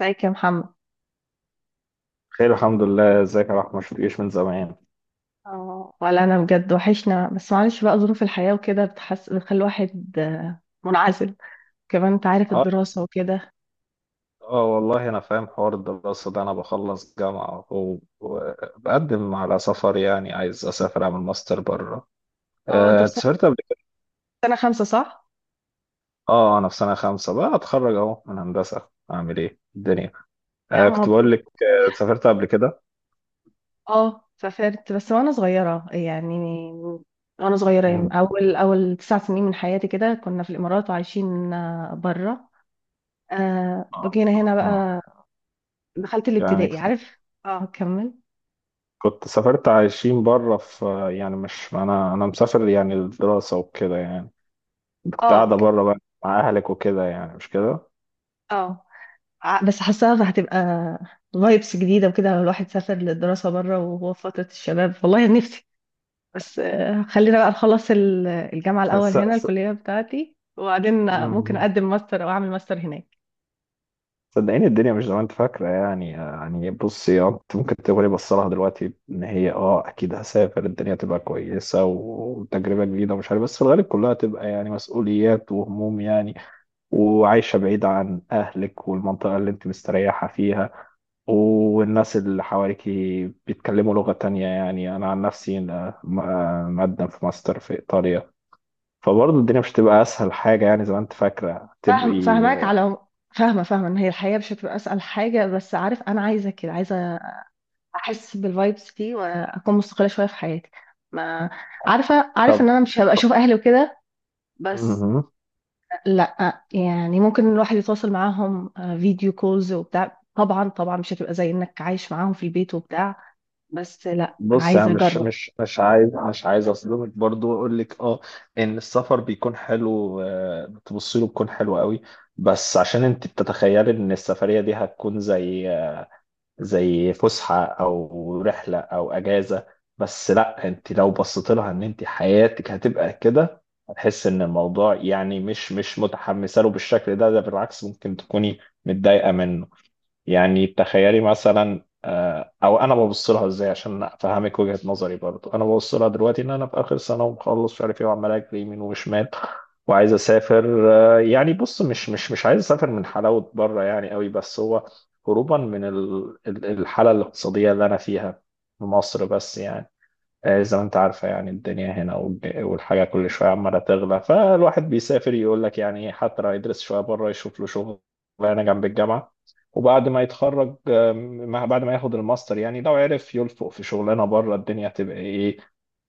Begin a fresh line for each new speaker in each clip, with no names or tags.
ازيك يا محمد؟
خير، الحمد لله. ازيك يا رحمة؟ شفتكش من زمان.
اه، ولا انا بجد وحشنا، بس معلش بقى ظروف الحياة وكده بتحس بتخلي الواحد منعزل. كمان انت عارف
اه.
الدراسة وكده.
اه والله انا فاهم حوار الدراسة ده. انا بخلص جامعة و- وبقدم على سفر، يعني عايز اسافر اعمل ماستر بره.
اه، انت في
أنت
سنة
سافرت قبل كده؟
خمسة صح؟
اه انا في سنة خمسة، بقى اتخرج اهو من هندسة، اعمل ايه الدنيا.
يا عم
كنت بقول لك،
مبروك.
سافرت قبل كده؟
اه سافرت بس وانا صغيرة يعني،
مم.
اول 9 سنين من حياتي، كده كنا في الامارات وعايشين بره.
اه.
جينا هنا
اه،
بقى، دخلت
يعني
الابتدائي، عارف. اه كمل.
كنت سافرت عايشين بره في، يعني مش انا مسافر، يعني الدراسة وكده يعني. كنت
اه
قاعدة بره بقى، مع اهلك وكده، يعني مش كده؟
اه. بس حاساها هتبقى فايبس جديدة وكده، لو الواحد سافر للدراسة بره وهو في فترة الشباب. والله نفسي، بس خلينا بقى نخلص الجامعة
س...
الأول هنا،
س...
الكلية بتاعتي، وبعدين ممكن
مم.
أقدم ماستر أو أعمل ماستر هناك.
صدقيني الدنيا مش زي ما انت فاكره، يعني بصي، اه انت ممكن تقولي بص لها دلوقتي ان هي، اه اكيد هسافر الدنيا تبقى كويسه وتجربه جديده ومش عارف، بس في الغالب كلها تبقى يعني مسؤوليات وهموم يعني. وعايشه بعيده عن اهلك والمنطقه اللي انت مستريحه فيها، والناس اللي حواليكي بيتكلموا لغه تانية. يعني انا عن نفسي انا م- آه، مقدم في ماستر في ايطاليا، فبرضه الدنيا مش تبقى اسهل حاجه يعني زي ما انت فاكره تبقي.
فاهماك على العموم. فاهمة إن هي الحياة مش هتبقى أسهل حاجة، بس عارف أنا عايزة كده، عايزة أحس بالفايبس دي وأكون مستقلة شوية في حياتي. ما عارفة، عارف إن أنا مش هبقى أشوف أهلي وكده، بس
مهم.
لا، يعني ممكن الواحد يتواصل معاهم فيديو كولز وبتاع، طبعا طبعا مش هتبقى زي انك عايش معاهم في البيت وبتاع، بس لا
بص انا
عايزه
مش
اجرب.
مش مش عايز مش عايز اصدمك برضو واقول لك، اه ان السفر بيكون حلو، بتبصي له بيكون حلو قوي، بس عشان انت بتتخيلي ان السفريه دي هتكون زي فسحه او رحله او اجازه. بس لا، انت لو بصيت لها ان انت حياتك هتبقى كده، هتحس ان الموضوع يعني مش متحمسه له بالشكل ده. بالعكس ممكن تكوني متضايقه منه. يعني تخيلي مثلا، او انا ببص لها ازاي عشان افهمك وجهة نظري. برضو انا ببص لها دلوقتي ان انا في اخر سنة، ومخلص مش عارف ايه، وعمال اجري يمين وشمال وعايز اسافر. يعني بص، مش عايز اسافر من حلاوة بره يعني قوي، بس هو هروبا من الحالة الاقتصادية اللي انا فيها في مصر بس. يعني زي ما انت عارفة، يعني الدنيا هنا والحاجة كل شوية عمالة تغلى. فالواحد بيسافر يقول لك يعني ايه، حتى لو يدرس شوية بره يشوف له شغل هنا جنب الجامعة، وبعد ما يتخرج، آم، ما- بعد ما ياخد الماستر، يعني لو عرف يلفق في شغلانة بره، الدنيا تبقى ايه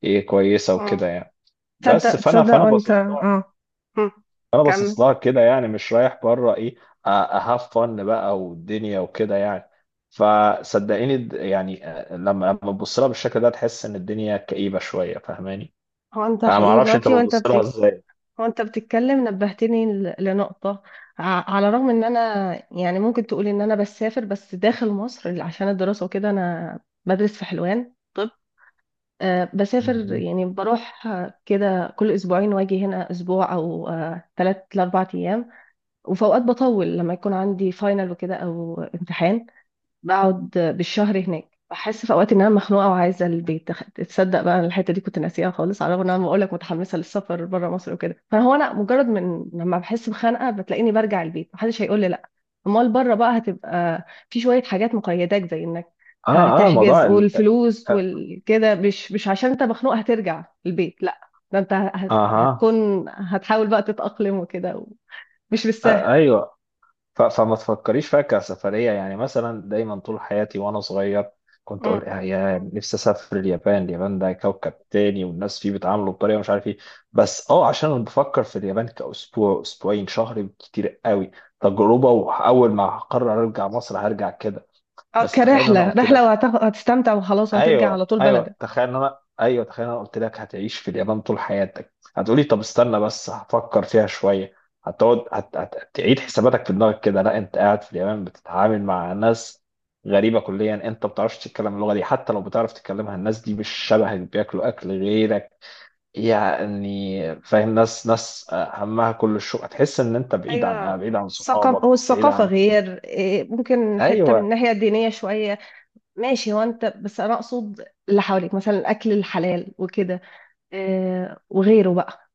ايه كويسة وكده
اه،
يعني. بس فانا
تصدق
فانا
وانت.
باصص،
اه هم.
انا
كمل.
باصص لها كده. يعني مش رايح بره ايه، اهاف فن بقى والدنيا وكده يعني. فصدقيني، يعني لما تبص لها بالشكل ده تحس ان الدنيا كئيبه شويه، فاهماني؟
هو انت
انا ما
حقيقي
اعرفش انت
دلوقتي
بتبص لها ازاي.
وانت بتتكلم نبهتني لنقطة. على الرغم ان انا، يعني ممكن تقولي ان انا بسافر بس داخل مصر عشان الدراسة وكده. انا بدرس في حلوان طب، بسافر
مهم.
يعني بروح كده كل أسبوعين وأجي هنا أسبوع أو 3 ل4 أيام. وفي أوقات بطول لما يكون عندي فاينل وكده أو امتحان، بقعد بالشهر هناك. بحس في اوقات ان انا مخنوقه وعايزه البيت. تصدق بقى، أنا الحته دي كنت ناسيها خالص، على الرغم ان انا بقول لك متحمسه للسفر بره مصر وكده، فهو انا مجرد من لما بحس بخنقه بتلاقيني برجع البيت، محدش هيقول لي لا. امال بره بقى هتبقى في شويه حاجات مقيداك، زي انك
اه. اه
هتحجز
موضوع
والفلوس والكده، مش عشان انت مخنوق هترجع البيت، لا ده انت
اها،
هتحاول بقى تتأقلم وكده، مش بالسهل.
ايوه. فما تفكريش فيها كسفرية. يعني مثلا دايما طول حياتي وأنا صغير كنت
مم.
أقول، يا نفسي أسافر اليابان. اليابان ده كوكب تاني، والناس فيه بيتعاملوا بطريقة مش عارف إيه، بس عشان أنا بفكر في اليابان كأسبوع، أسبوعين، شهر كتير قوي، تجربة، وأول ما هقرر أرجع مصر هرجع كده.
اه،
بس تخيل أنا قلت،
رحله، وهتستمتع وخلاص وهترجع على
ايوه،
طول
ايوه،
بلدك.
تخيل إن انا، قلت لك هتعيش في اليابان طول حياتك، هتقولي طب استنى بس هفكر فيها شويه. هتقعد هتعيد حساباتك في دماغك كده. لا، انت قاعد في اليابان بتتعامل مع ناس غريبه كليا، انت ما بتعرفش تتكلم اللغه دي، حتى لو بتعرف تتكلمها الناس دي مش شبهك، بياكلوا اكل غيرك. يعني فاهم، ناس ناس همها كل الشغل. هتحس ان انت بعيد عن
ايوه
بعيد عن صحابك،
الثقافه
بعيد عن،
غير ممكن حته من
ايوه،
الناحيه الدينيه شويه. ماشي، هو انت، بس انا اقصد اللي حواليك، مثلا الاكل الحلال وكده وغيره بقى.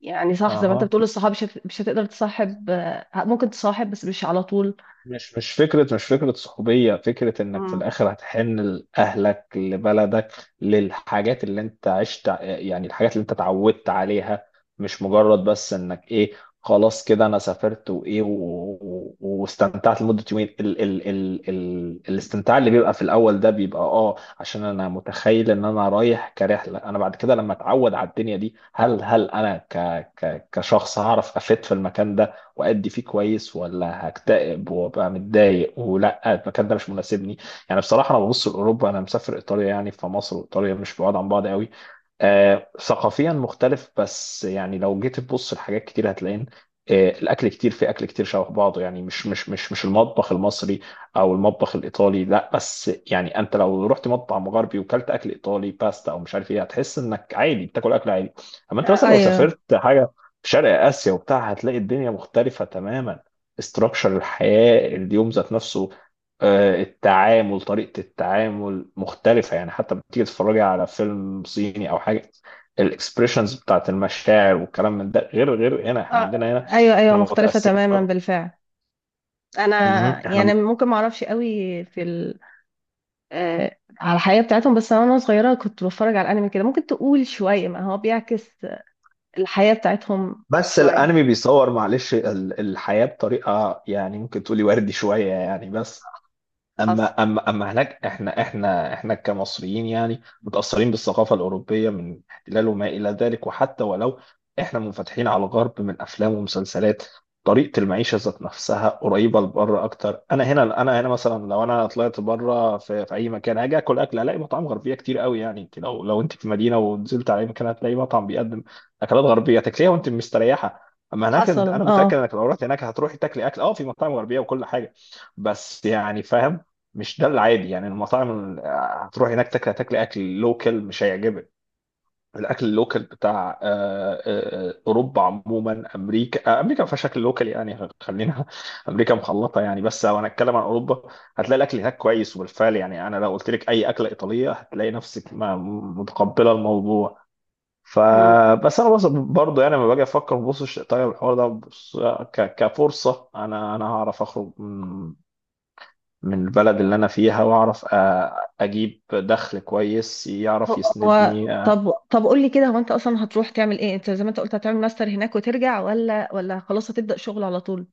يعني صح، زي ما انت
اها.
بتقول الصحاب مش هتقدر تصاحب، ممكن تصاحب بس مش على طول.
مش فكرة صحوبية، فكرة انك في
مم.
الاخر هتحن لأهلك، لبلدك، للحاجات اللي انت عشت، يعني الحاجات اللي انت اتعودت عليها. مش مجرد بس انك ايه، خلاص كده انا سافرت وايه واستمتعت لمدة يومين. ال الاستمتاع اللي بيبقى في الاول ده بيبقى، اه عشان انا متخيل ان انا رايح كرحلة. انا بعد كده لما اتعود على الدنيا دي، هل انا ك ك كشخص هعرف افيد في المكان ده، وأدي فيه كويس، ولا هكتئب وأبقى متضايق، ولا المكان ده مش مناسبني. يعني بصراحة أنا ببص لأوروبا، أنا مسافر إيطاليا يعني، فمصر وإيطاليا مش بعاد عن بعض قوي. ثقافيا مختلف، بس يعني لو جيت تبص لحاجات كتير هتلاقين، الاكل، كتير في اكل كتير شبه بعضه. يعني مش المطبخ المصري او المطبخ الايطالي، لا، بس يعني انت لو رحت مطعم غربي وكلت اكل ايطالي، باستا او مش عارف ايه، هتحس انك عادي بتاكل اكل عادي. اما انت مثلا لو
ايوه.
سافرت حاجه في شرق آسيا وبتاع، هتلاقي الدنيا مختلفة تماما. استراكشر الحياة اليوم ذات نفسه، التعامل، طريقة التعامل مختلفة. يعني حتى بتيجي تتفرجي على فيلم صيني أو حاجة، الاكسبريشنز بتاعت المشاعر والكلام من ده غير، غير هنا احنا
آه،
عندنا هنا.
ايوه ايوه،
احنا
مختلفه
متأثرين
تماما
بقى.
بالفعل.
مهم.
انا يعني ممكن ما اعرفش قوي في ال... على الحياه بتاعتهم، بس انا وانا صغيره كنت بتفرج على الانمي كده، ممكن تقول شويه ما هو بيعكس الحياة بتاعتهم
بس الانمي
شوية.
بيصور معلش الحياة بطريقة، يعني ممكن تقولي وردي شوية يعني. بس
حصل
اما هناك، احنا كمصريين يعني متاثرين بالثقافه الاوروبيه من احتلال وما الى ذلك. وحتى ولو احنا منفتحين على الغرب من افلام ومسلسلات، طريقه المعيشه ذات نفسها قريبه لبره اكتر. انا هنا مثلا، لو انا طلعت بره في اي مكان، هاجي اكل، هلاقي مطاعم غربيه كتير قوي. يعني انت لو انت في مدينه ونزلت على اي مكان هتلاقي مطعم بيقدم اكلات غربيه تاكليها وانت مستريحه. اما هناك،
حصلوا
انا متاكد
اه.
انك لو رحت هناك، هتروحي تاكلي اكل، اه في مطاعم غربيه وكل حاجه، بس يعني فاهم، مش ده العادي. يعني المطاعم هتروح هناك تاكل، اكل لوكال مش هيعجبك. الاكل اللوكال بتاع اوروبا عموما، امريكا، امريكا ما فيهاش اكل لوكال يعني، خلينا امريكا مخلطه يعني. بس لو هنتكلم عن اوروبا، هتلاقي الاكل هناك كويس، وبالفعل يعني انا لو قلت لك اي اكله ايطاليه هتلاقي نفسك متقبله الموضوع.
مم.
فبس انا بص برضه، يعني لما باجي افكر ببص، طيب الحوار ده بص، كفرصه انا هعرف اخرج من البلد اللي أنا فيها وأعرف، أجيب دخل كويس يعرف
هو هو،
يسندني. آه.
طب طب قول لي كده، هو انت اصلا هتروح تعمل ايه؟ انت زي ما انت قلت هتعمل ماستر هناك وترجع، ولا خلاص هتبدأ شغل على طول؟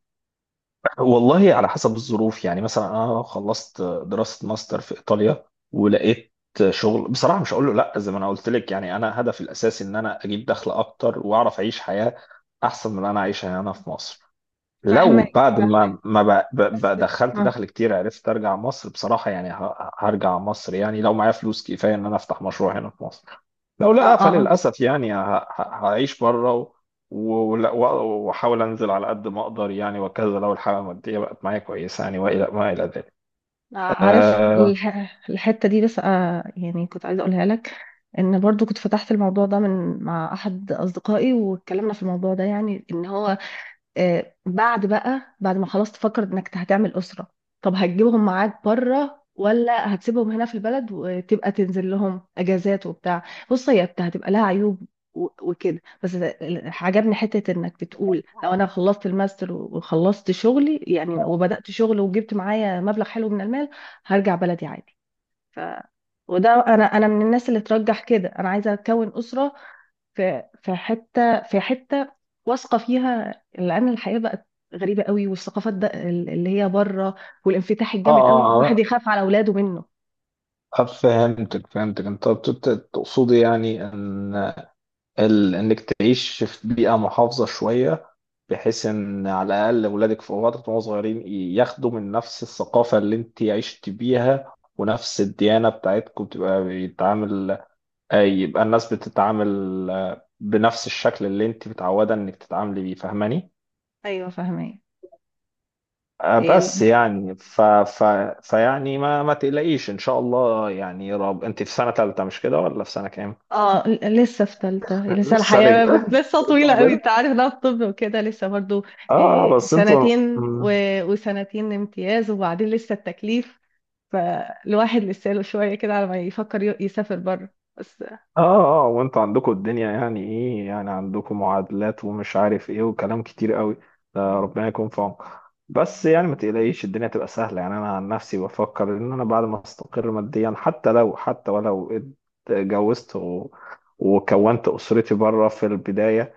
والله على حسب الظروف يعني. مثلا أنا لو خلصت دراسة ماستر في إيطاليا ولقيت شغل، بصراحة مش هقول له لأ. زي ما أنا قلت لك، يعني أنا هدفي الأساسي إن أنا أجيب دخل أكتر وأعرف أعيش حياة أحسن من اللي أنا عايشها هنا في مصر. لو بعد
فاهمة
ما ما ب- ب-
بس.
ب- دخلت
اه
دخل كتير، عرفت ارجع مصر، بصراحة يعني هرجع مصر، يعني لو معايا فلوس كفاية ان انا افتح مشروع هنا في مصر. لو
اه
لا،
اه
فللأسف يعني هعيش بره وأحاول أنزل على قد ما أقدر يعني، وكذا، لو الحالة المادية بقت معايا كويسة يعني، وإلى ما إلى ذلك.
عارف
آه
الحتة دي، بس يعني كنت عايزة اقولها لك، ان برضو كنت فتحت الموضوع ده من مع احد اصدقائي واتكلمنا في الموضوع ده، يعني ان هو بعد بقى، بعد ما خلاص تفكر انك هتعمل اسره، طب هتجيبهم معاك بره ولا هتسيبهم هنا في البلد وتبقى تنزل لهم اجازات وبتاع؟ بص هي هتبقى لها عيوب وكده، بس عجبني حته انك بتقول لو انا خلصت الماستر وخلصت شغلي يعني وبدات شغل وجبت معايا مبلغ حلو من المال هرجع بلدي عادي. ف وده انا من الناس اللي ترجح كده، انا عايزه اكون اسره في حته، في حته واثقه فيها، لان الحياه بقت غريبه قوي، والثقافات ده اللي هي بره، والانفتاح
آه
الجامد قوي الواحد
آه،
يخاف على اولاده منه.
فهمتك، فهمتك. أنت تقصدي يعني إن إنك تعيش في بيئة محافظة شوية، بحيث إن على الأقل أولادك في وقت وهم صغيرين ياخدوا من نفس الثقافة اللي أنت عشت بيها، ونفس الديانة بتاعتكم، تبقى بيتعامل، أي يبقى الناس بتتعامل بنفس الشكل اللي انت متعودة انك تتعاملي بيه، فاهماني؟
ايوه فاهمه. هي
بس يعني فيعني ما تقلقيش ان شاء الله. يعني يا رب، انت في سنة تالتة مش كده، ولا في سنة كام؟
اه لسه في ثالثه، لسه
لسه رج...
الحياه لسه
لسه
طويله قوي،
رج...
انت عارف ده الطب وكده لسه برضو،
اه. اه بس انتوا،
سنتين
مم.
وسنتين امتياز وبعدين لسه التكليف، فالواحد لسه له شويه كده على ما يفكر يسافر بره. بس
اه. اه وانتوا عندكم الدنيا يعني ايه، يعني عندكم معادلات ومش عارف ايه وكلام كتير قوي، ده ربنا يكون في عونكم. بس يعني ما تقلقيش، الدنيا تبقى سهلة. يعني انا عن نفسي بفكر ان انا بعد ما استقر ماديا، حتى لو، حتى ولو اتجوزت وكونت اسرتي بره في البداية،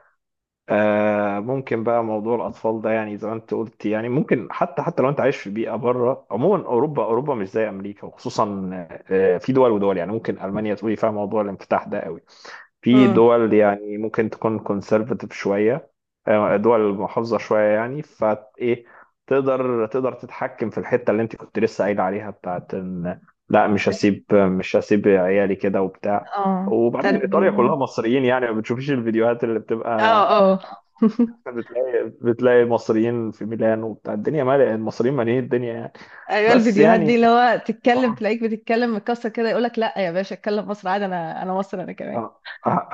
ممكن بقى موضوع الاطفال ده، يعني زي ما انت قلت. يعني ممكن حتى لو انت عايش في بيئة بره، عموما اوروبا، مش زي امريكا. وخصوصا في دول ودول، يعني ممكن المانيا تقولي فيها موضوع الانفتاح ده قوي، في
امم
دول يعني ممكن تكون conservative شوية، دول محافظة شوية يعني. فإيه، تقدر تتحكم في الحتة اللي أنت كنت لسه قايل عليها بتاعت إن، لا مش هسيب، عيالي كده وبتاع.
اه
وبعدين
دي.
إيطاليا كلها مصريين، يعني ما بتشوفيش الفيديوهات اللي بتبقى
اه اه.
بتلاقي مصريين في ميلان وبتاع، الدنيا مالية المصريين، مالين الدنيا يعني.
ايوه
بس
الفيديوهات دي،
يعني
اللي هو تتكلم
آه.
تلاقيك بتتكلم مكسر كده، يقولك لا يا باشا اتكلم مصر عادي، انا مصر انا كمان.
انا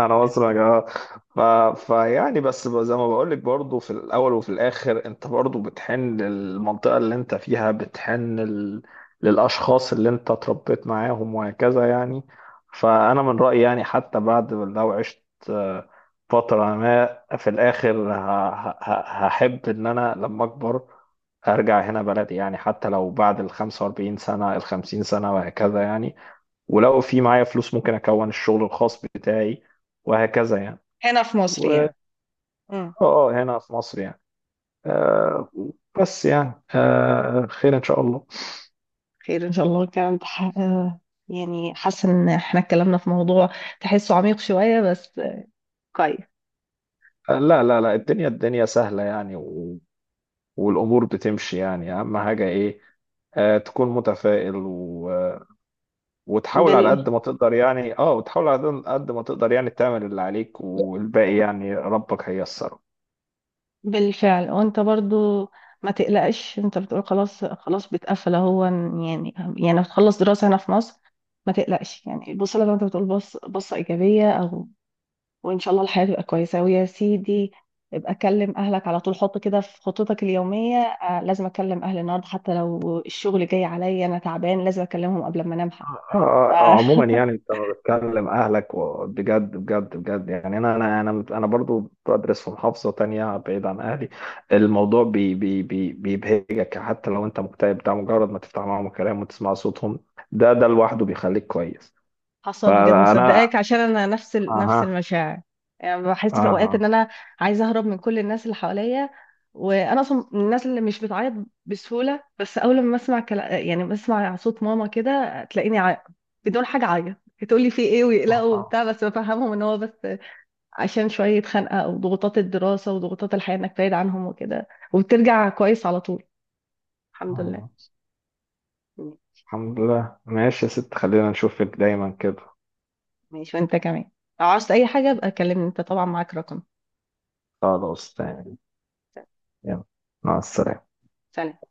انا مصري يا جماعه. ف... فيعني بس زي ما بقول لك، برضه في الاول وفي الاخر انت برضه بتحن للمنطقه اللي انت فيها، بتحن للاشخاص اللي انت اتربيت معاهم وهكذا يعني. فانا من رايي يعني حتى بعد لو عشت آه، فتره، ما في الاخر هحب ان انا لما اكبر ارجع هنا بلدي. يعني حتى لو بعد ال 45 سنه ال 50 سنه وهكذا يعني، ولو في معايا فلوس ممكن اكون الشغل الخاص بتاعي، وهكذا يعني.
هنا في مصر
و
يعني. امم
هنا في مصر يعني. آه بس يعني خير ان شاء الله.
خير ان شاء الله. الكلام ده يعني حاسه ان احنا اتكلمنا في موضوع تحسه عميق شويه، بس كويس.
لا لا لا، الدنيا سهلة يعني، والامور بتمشي. يعني اهم حاجة ايه، تكون متفائل، وتحاول على
بال...
قد ما تقدر يعني. اه وتحاول على قد ما تقدر، يعني تعمل اللي عليك والباقي يعني ربك هيسره.
بالفعل. وانت برضو ما تقلقش، انت بتقول خلاص خلاص بتقفل اهو، يعني هتخلص دراسه هنا في مصر. ما تقلقش يعني، بص لما انت بتقول بص بصه ايجابيه، وان شاء الله الحياه تبقى كويسه، ويا سيدي ابقى كلم اهلك على طول، حط كده في خطتك اليوميه، لازم اكلم اهلي النهارده حتى لو الشغل جاي عليا انا تعبان، لازم اكلمهم قبل ما انام حتى.
عموما يعني انت لما بتكلم اهلك، بجد بجد بجد يعني، انا برضو بدرس في محافظه تانية بعيد عن اهلي، الموضوع بي بي بي بيبهجك حتى لو انت مكتئب. ده مجرد ما تفتح معاهم الكلام وتسمع صوتهم، ده لوحده بيخليك كويس.
فحصل. بجد مصدقاك،
فانا،
عشان انا نفس
اها،
المشاعر. يعني بحس في اوقات ان
اها،
انا عايزه اهرب من كل الناس اللي حواليا، وانا اصلا من الناس اللي مش بتعيط بسهوله، بس اول ما اسمع يعني بسمع صوت ماما كده تلاقيني بدون حاجه اعيط. تقول لي في ايه ويقلقوا
اها،
وبتاع، بس بفهمهم ان هو بس عشان شوية خنقة أو ضغوطات الدراسة وضغوطات الحياة إنك بعيد عنهم وكده، وبترجع كويس على طول. الحمد لله.
أها. الحمد لله. ماشي يا ست، خلينا نشوفك دايما كده.
ماشي وأنت كمان، لو عاوزت أي حاجة ابقى كلمني، أنت طبعا معاك رقم.
خلاص تاني، يلا، مع السلامه.
سلام.